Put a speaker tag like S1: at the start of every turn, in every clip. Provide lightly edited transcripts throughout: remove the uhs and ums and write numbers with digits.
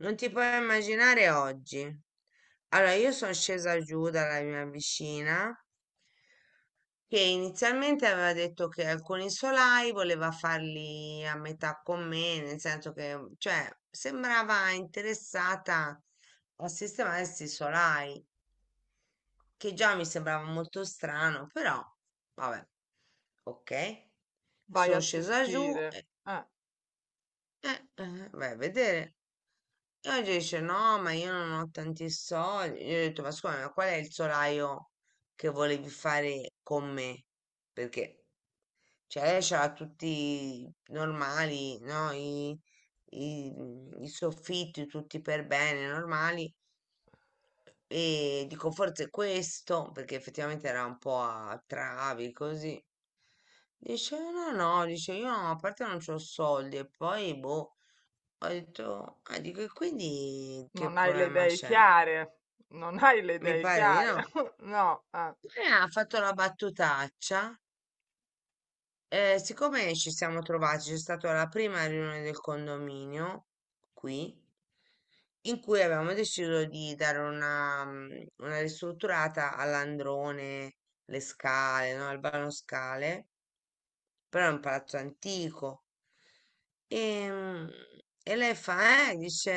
S1: Non ti puoi immaginare oggi. Allora, io sono scesa giù dalla mia vicina che inizialmente aveva detto che alcuni solai voleva farli a metà con me, nel senso che, cioè, sembrava interessata a sistemare questi solai, che già mi sembrava molto strano, però, vabbè, ok.
S2: Vai a
S1: Sono scesa giù
S2: sentire.
S1: e,
S2: Eh,
S1: vai a vedere. E oggi dice no, ma io non ho tanti soldi. Io ho detto, ma scusa, ma qual è il solaio che volevi fare con me? Perché, cioè, lei c'ha tutti normali, no? I soffitti tutti per bene, normali. E dico, forse questo, perché effettivamente era un po' a travi, così. Dice, no, no, dice, io a parte non c'ho soldi e poi, boh. Ho detto, ah, dico, e quindi che
S2: Non hai le
S1: problema
S2: idee
S1: c'è?
S2: chiare. Non hai le
S1: Mi
S2: idee
S1: pare di
S2: chiare.
S1: no.
S2: No, eh.
S1: Ha fatto la battutaccia. Eh, siccome ci siamo trovati, c'è stata la prima riunione del condominio qui, in cui avevamo deciso di dare una, una ristrutturata all'androne, le scale, no? Al vano scale, però è un palazzo antico. E, mm, e lei fa, dice,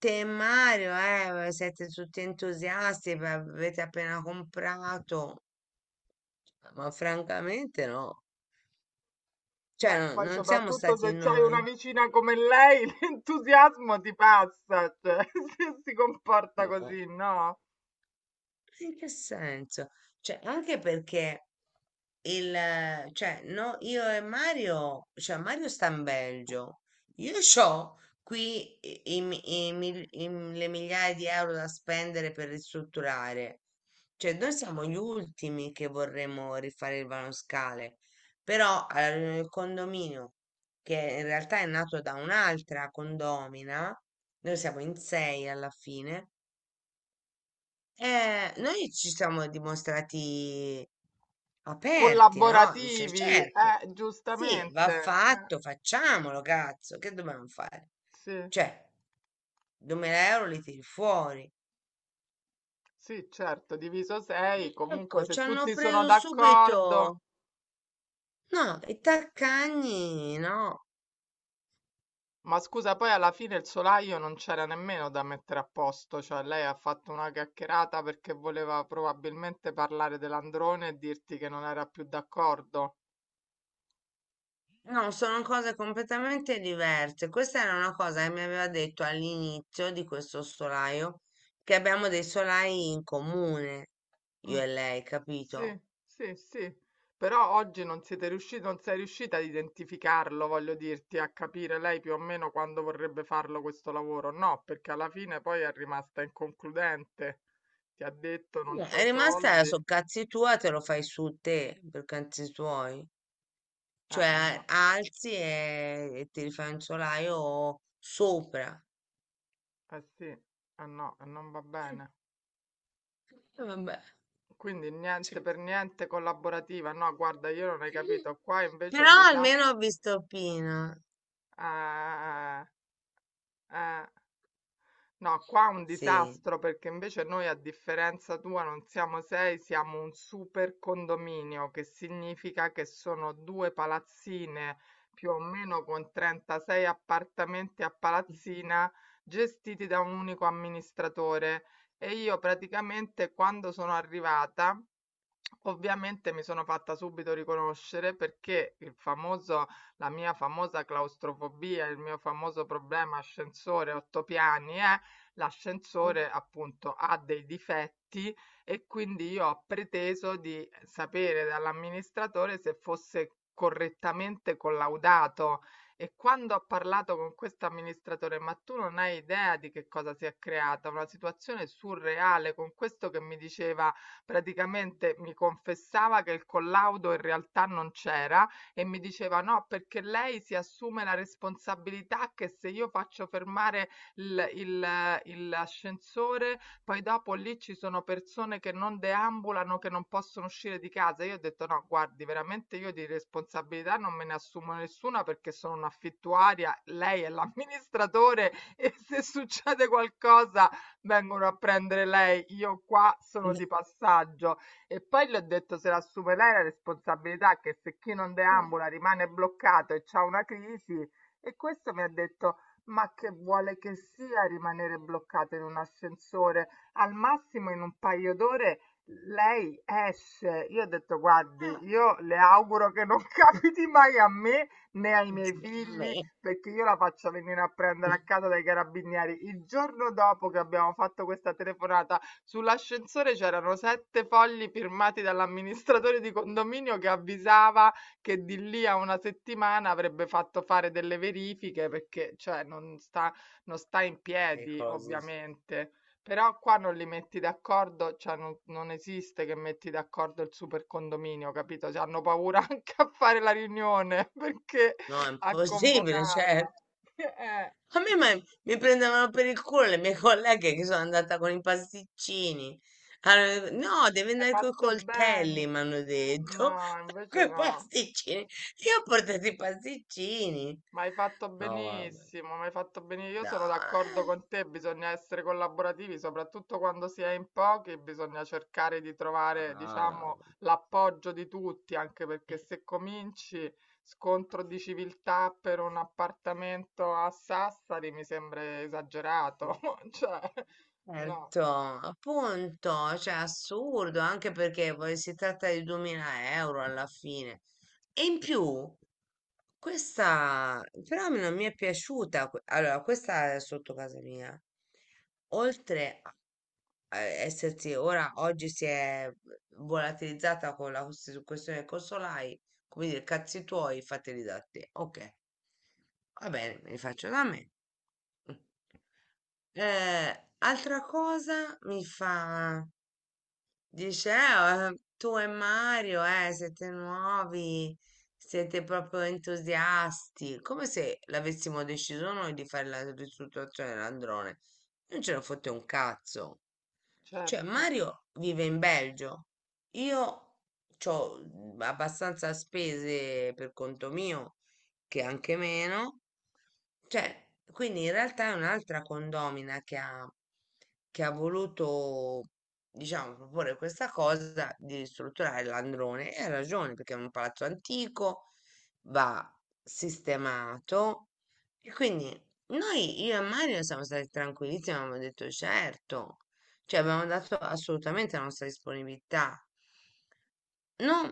S1: te e Mario, siete tutti entusiasti, beh, avete appena comprato, ma francamente no, cioè
S2: Beh, poi
S1: non siamo
S2: soprattutto
S1: stati
S2: se c'hai
S1: noi.
S2: una vicina come lei, l'entusiasmo ti passa, cioè, se si comporta
S1: Boh.
S2: così, no?
S1: In che senso? Cioè, anche perché cioè, no, io e Mario, cioè Mario sta in Belgio, io ho qui i- i mi- i mil- i m- le migliaia di euro da spendere per ristrutturare, cioè noi siamo gli ultimi che vorremmo rifare il vanoscale, però alla riunione del condominio, che in realtà è nato da un'altra condomina, noi siamo in sei alla fine, noi ci siamo dimostrati aperti, no? Dice,
S2: Collaborativi,
S1: certo, sì, va
S2: giustamente.
S1: fatto, facciamolo, cazzo, che dobbiamo fare?
S2: Sì,
S1: Cioè, 2000 euro li tiri fuori.
S2: sì, certo, diviso 6, comunque
S1: Ecco, ci
S2: se
S1: hanno
S2: tutti sono
S1: preso subito.
S2: d'accordo.
S1: No, i taccagni, no.
S2: Ma scusa, poi alla fine il solaio non c'era nemmeno da mettere a posto, cioè lei ha fatto una chiacchierata perché voleva probabilmente parlare dell'androne e dirti che non era più d'accordo.
S1: No, sono cose completamente diverse. Questa era una cosa che mi aveva detto all'inizio di questo solaio, che abbiamo dei solai in comune,
S2: Mm,
S1: io e lei,
S2: sì,
S1: capito?
S2: sì, sì. Però oggi non siete riusciti, non sei riuscita ad identificarlo, voglio dirti, a capire lei più o meno quando vorrebbe farlo questo lavoro. No, perché alla fine poi è rimasta inconcludente. Ti ha detto non
S1: No,
S2: c'ho
S1: è
S2: i
S1: rimasta
S2: soldi.
S1: su cazzi tua, te lo fai su te per cazzi tuoi.
S2: Eh
S1: Cioè,
S2: no,
S1: alzi e ti rifai un solaio sopra.
S2: eh sì, eh no, e non va
S1: Eh,
S2: bene.
S1: Vabbè.
S2: Quindi
S1: Sì.
S2: niente per niente collaborativa. No, guarda, io non hai capito. Qua invece è
S1: Però
S2: un disastro.
S1: almeno ho visto Pino.
S2: No, qua è un
S1: Sì.
S2: disastro perché invece noi, a differenza tua, non siamo 6, siamo un super condominio, che significa che sono due palazzine più o meno con 36 appartamenti a palazzina gestiti da un unico amministratore. E io praticamente quando sono arrivata. Ovviamente mi sono fatta subito riconoscere perché il famoso la mia famosa claustrofobia, il mio famoso problema ascensore 8 piani è l'ascensore appunto ha dei difetti e quindi io ho preteso di sapere dall'amministratore se fosse correttamente collaudato e quando ho parlato con questo amministratore, ma tu non hai idea di che cosa si è creata, una situazione surreale con questo che mi diceva praticamente mi confessava che il collaudo in realtà non c'era e mi diceva no, perché lei si assume la responsabilità che se io faccio fermare l'ascensore, poi dopo lì ci sono persone che non deambulano, che non possono uscire di casa. Io ho detto no, guardi, veramente io di responsabilità non me ne assumo nessuna perché sono un'affittuaria, lei è l'amministratore e se succede qualcosa vengono a prendere lei, io qua sono di passaggio. E poi le ho detto se la assume lei la responsabilità, che se chi non
S1: Vabbè,
S2: deambula rimane bloccato e c'ha una crisi, e questo mi ha detto, ma che vuole che sia rimanere bloccato in un ascensore? Al massimo in un paio d'ore lei esce. Io ho detto, guardi, io le auguro che non capiti mai a me né ai miei figli perché io la faccio venire a prendere a casa dai carabinieri. Il giorno dopo che abbiamo fatto questa telefonata, sull'ascensore c'erano 7 fogli firmati dall'amministratore di condominio che avvisava che di lì a una settimana avrebbe fatto fare delle verifiche perché, cioè, non sta in
S1: Vabbè,
S2: piedi,
S1: così.
S2: ovviamente. Però qua non li metti d'accordo, cioè non, non esiste che metti d'accordo il super condominio, capito? Cioè, hanno paura anche a fare la riunione perché
S1: No, è
S2: a
S1: impossibile,
S2: convocarla.
S1: certo.
S2: Eh,
S1: A me mi prendevano per il culo le mie colleghe che sono andata con i pasticcini. Allora, no, devi
S2: Hai
S1: andare con i
S2: fatto bene.
S1: coltelli, mi hanno detto.
S2: No,
S1: Con
S2: invece
S1: i
S2: no.
S1: pasticcini. Io ho portato i pasticcini.
S2: Ma hai fatto
S1: No, vabbè.
S2: benissimo, ma hai fatto benissimo. Io sono d'accordo
S1: Dai.
S2: con te, bisogna essere collaborativi, soprattutto quando si è in pochi, bisogna cercare di trovare,
S1: Ciao.
S2: diciamo, l'appoggio di tutti, anche perché se cominci scontro di civiltà per un appartamento a Sassari mi sembra esagerato. Cioè, no,
S1: Certo, appunto, cioè assurdo, anche perché poi si tratta di 2000 euro alla fine. E in più, questa però non mi è piaciuta. Allora, questa è sotto casa mia. Oltre a essersi, ora oggi si è volatilizzata con la questione dei consolai, come dire, cazzi tuoi, fateli da te. Ok. Va bene, me li faccio da me. Mm. Altra cosa mi fa. Dice, tu e Mario, siete nuovi, siete proprio entusiasti", come se l'avessimo deciso noi di fare la ristrutturazione dell'androne. Non ce ne fotte un cazzo. Cioè,
S2: certo.
S1: Mario vive in Belgio, io ho abbastanza spese per conto mio, che anche meno. Cioè, quindi in realtà è un'altra condomina che ha voluto diciamo, proporre questa cosa di ristrutturare l'androne e ha ragione perché è un palazzo antico, va sistemato e quindi noi, io e Mario, siamo stati tranquillissimi, abbiamo detto certo, cioè abbiamo dato assolutamente la nostra disponibilità. Non,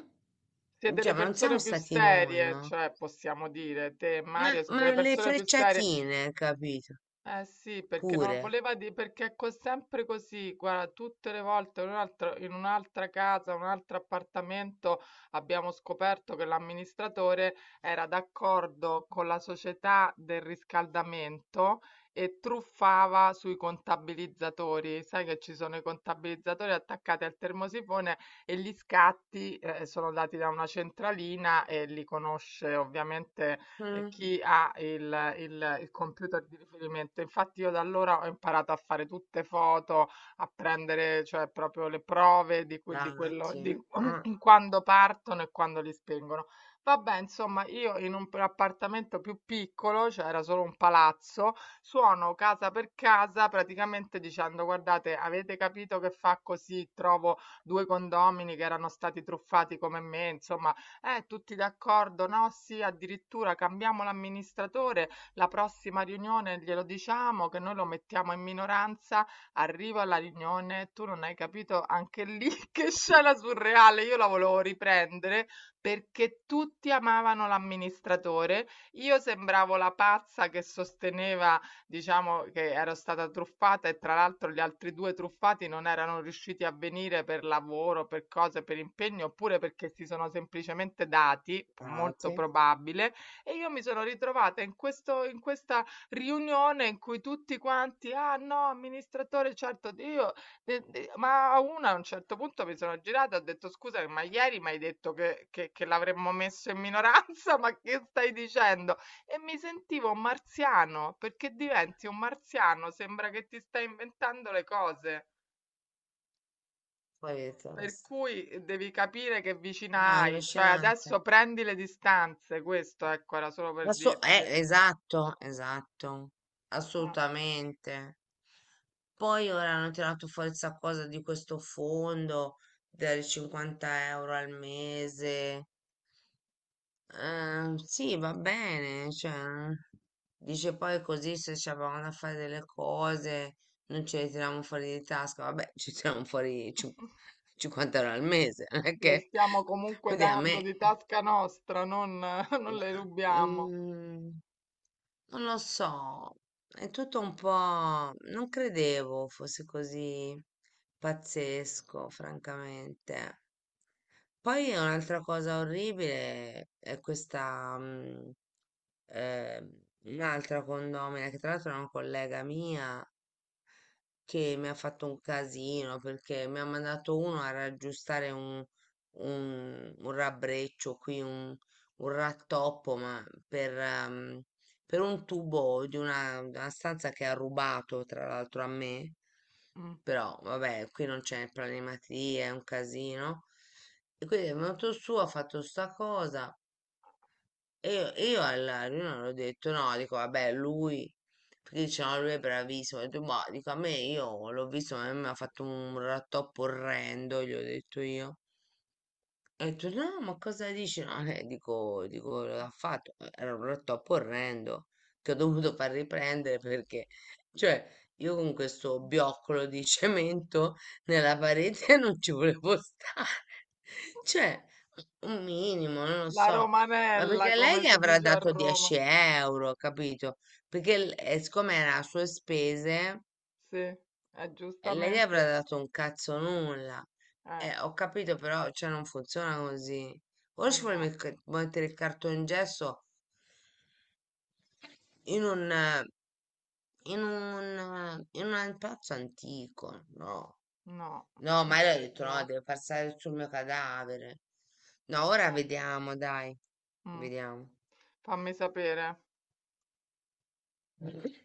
S2: Siete
S1: cioè,
S2: le
S1: ma non siamo
S2: persone più
S1: stati noi,
S2: serie,
S1: no?
S2: cioè possiamo dire, te e Mario siete le
S1: Ma le
S2: persone più serie.
S1: frecciatine, capito?
S2: Eh sì, perché non
S1: Pure.
S2: voleva di perché è sempre così, guarda, tutte le volte in un'altra casa, un altro appartamento abbiamo scoperto che l'amministratore era d'accordo con la società del riscaldamento e truffava sui contabilizzatori. Sai che ci sono i contabilizzatori attaccati al termosifone e gli scatti, sono dati da una centralina e li conosce ovviamente,
S1: Mm,
S2: chi ha il computer di riferimento. Infatti io da allora ho imparato a fare tutte foto, a prendere cioè proprio le prove di quello
S1: dati,
S2: di
S1: ah,
S2: quando partono e quando li spengono. Vabbè, insomma, io in un appartamento più piccolo, cioè era solo un palazzo, suono casa per casa praticamente dicendo: guardate, avete capito che fa così? Trovo due condomini che erano stati truffati come me, insomma, tutti d'accordo, no? Sì, addirittura cambiamo l'amministratore, la prossima riunione glielo diciamo che noi lo mettiamo in minoranza, arrivo alla riunione, tu non hai capito anche lì che scena surreale, io la volevo riprendere perché tutti amavano l'amministratore, io sembravo la pazza che sosteneva diciamo che ero stata truffata e tra l'altro gli altri due truffati non erano riusciti a venire per lavoro, per cose, per impegno, oppure perché si sono semplicemente dati, molto
S1: dati,
S2: probabile, e io mi sono ritrovata in questo, in questa riunione in cui tutti quanti, ah no, amministratore, certo, io, ma a un certo punto mi sono girata e ho detto scusa, ma ieri mi hai detto che l'avremmo messo in minoranza, ma che stai dicendo? E mi sentivo un marziano, perché diventi un marziano, sembra che ti stai inventando le cose,
S1: poi
S2: per
S1: basta.
S2: cui, devi capire che vicina
S1: Ah,
S2: hai, cioè
S1: allucinante.
S2: adesso prendi le distanze, questo ecco era solo per dirti. Eh.
S1: Esatto, esatto, assolutamente. Poi ora hanno tirato fuori questa cosa di questo fondo dei 50 euro al mese. Sì, va bene, cioè, dice poi così se ci avevamo da fare delle cose non ce le tiriamo fuori di tasca, vabbè, ci tiriamo fuori 50 euro al mese, non è
S2: Le
S1: che,
S2: stiamo comunque
S1: Oddio, a
S2: dando
S1: me...
S2: di tasca nostra, non, non le rubiamo.
S1: Mm, non lo so, è tutto un po'... Non credevo fosse così pazzesco, francamente. Poi un'altra cosa orribile è questa, eh, un'altra condomina, che tra l'altro è una collega mia, che mi ha fatto un casino perché mi ha mandato uno a raggiustare un rabbreccio qui, un rattoppo, ma per un tubo di una stanza che ha rubato tra l'altro a me.
S2: Mm.
S1: Però vabbè, qui non c'è planimetria, è un casino. E quindi è venuto su, ha fatto sta cosa. E io alla riunione ho detto no, dico vabbè, lui, perché dicevano lui è bravissimo, ho detto boh, dico a me io l'ho visto, ma a me mi ha fatto un rattoppo orrendo, gli ho detto io. E torno, "No, ma cosa dici?" No, dico, l'ha fatto. Era un rotto orrendo che ho dovuto far riprendere perché, cioè, io con questo bioccolo di cemento nella parete non ci volevo stare. Cioè, un minimo, non lo
S2: La
S1: so. Ma
S2: romanella,
S1: perché lei
S2: come
S1: gli
S2: si
S1: avrà
S2: dice a
S1: dato
S2: Roma.
S1: 10 euro, capito? Perché, siccome era a sue spese,
S2: Sì, è
S1: lei gli avrà
S2: giustamente.
S1: dato un cazzo nulla.
S2: Eh,
S1: Ho capito, però, cioè, non funziona così. Ora
S2: eh
S1: ci vuole
S2: no,
S1: mettere il cartongesso in un, in un pezzo antico, no?
S2: no,
S1: No, ma io ho
S2: direi di
S1: detto no,
S2: no.
S1: deve passare sul mio cadavere. No, ora
S2: Eh.
S1: vediamo, dai,
S2: Mh.
S1: vediamo.
S2: Fammi sapere.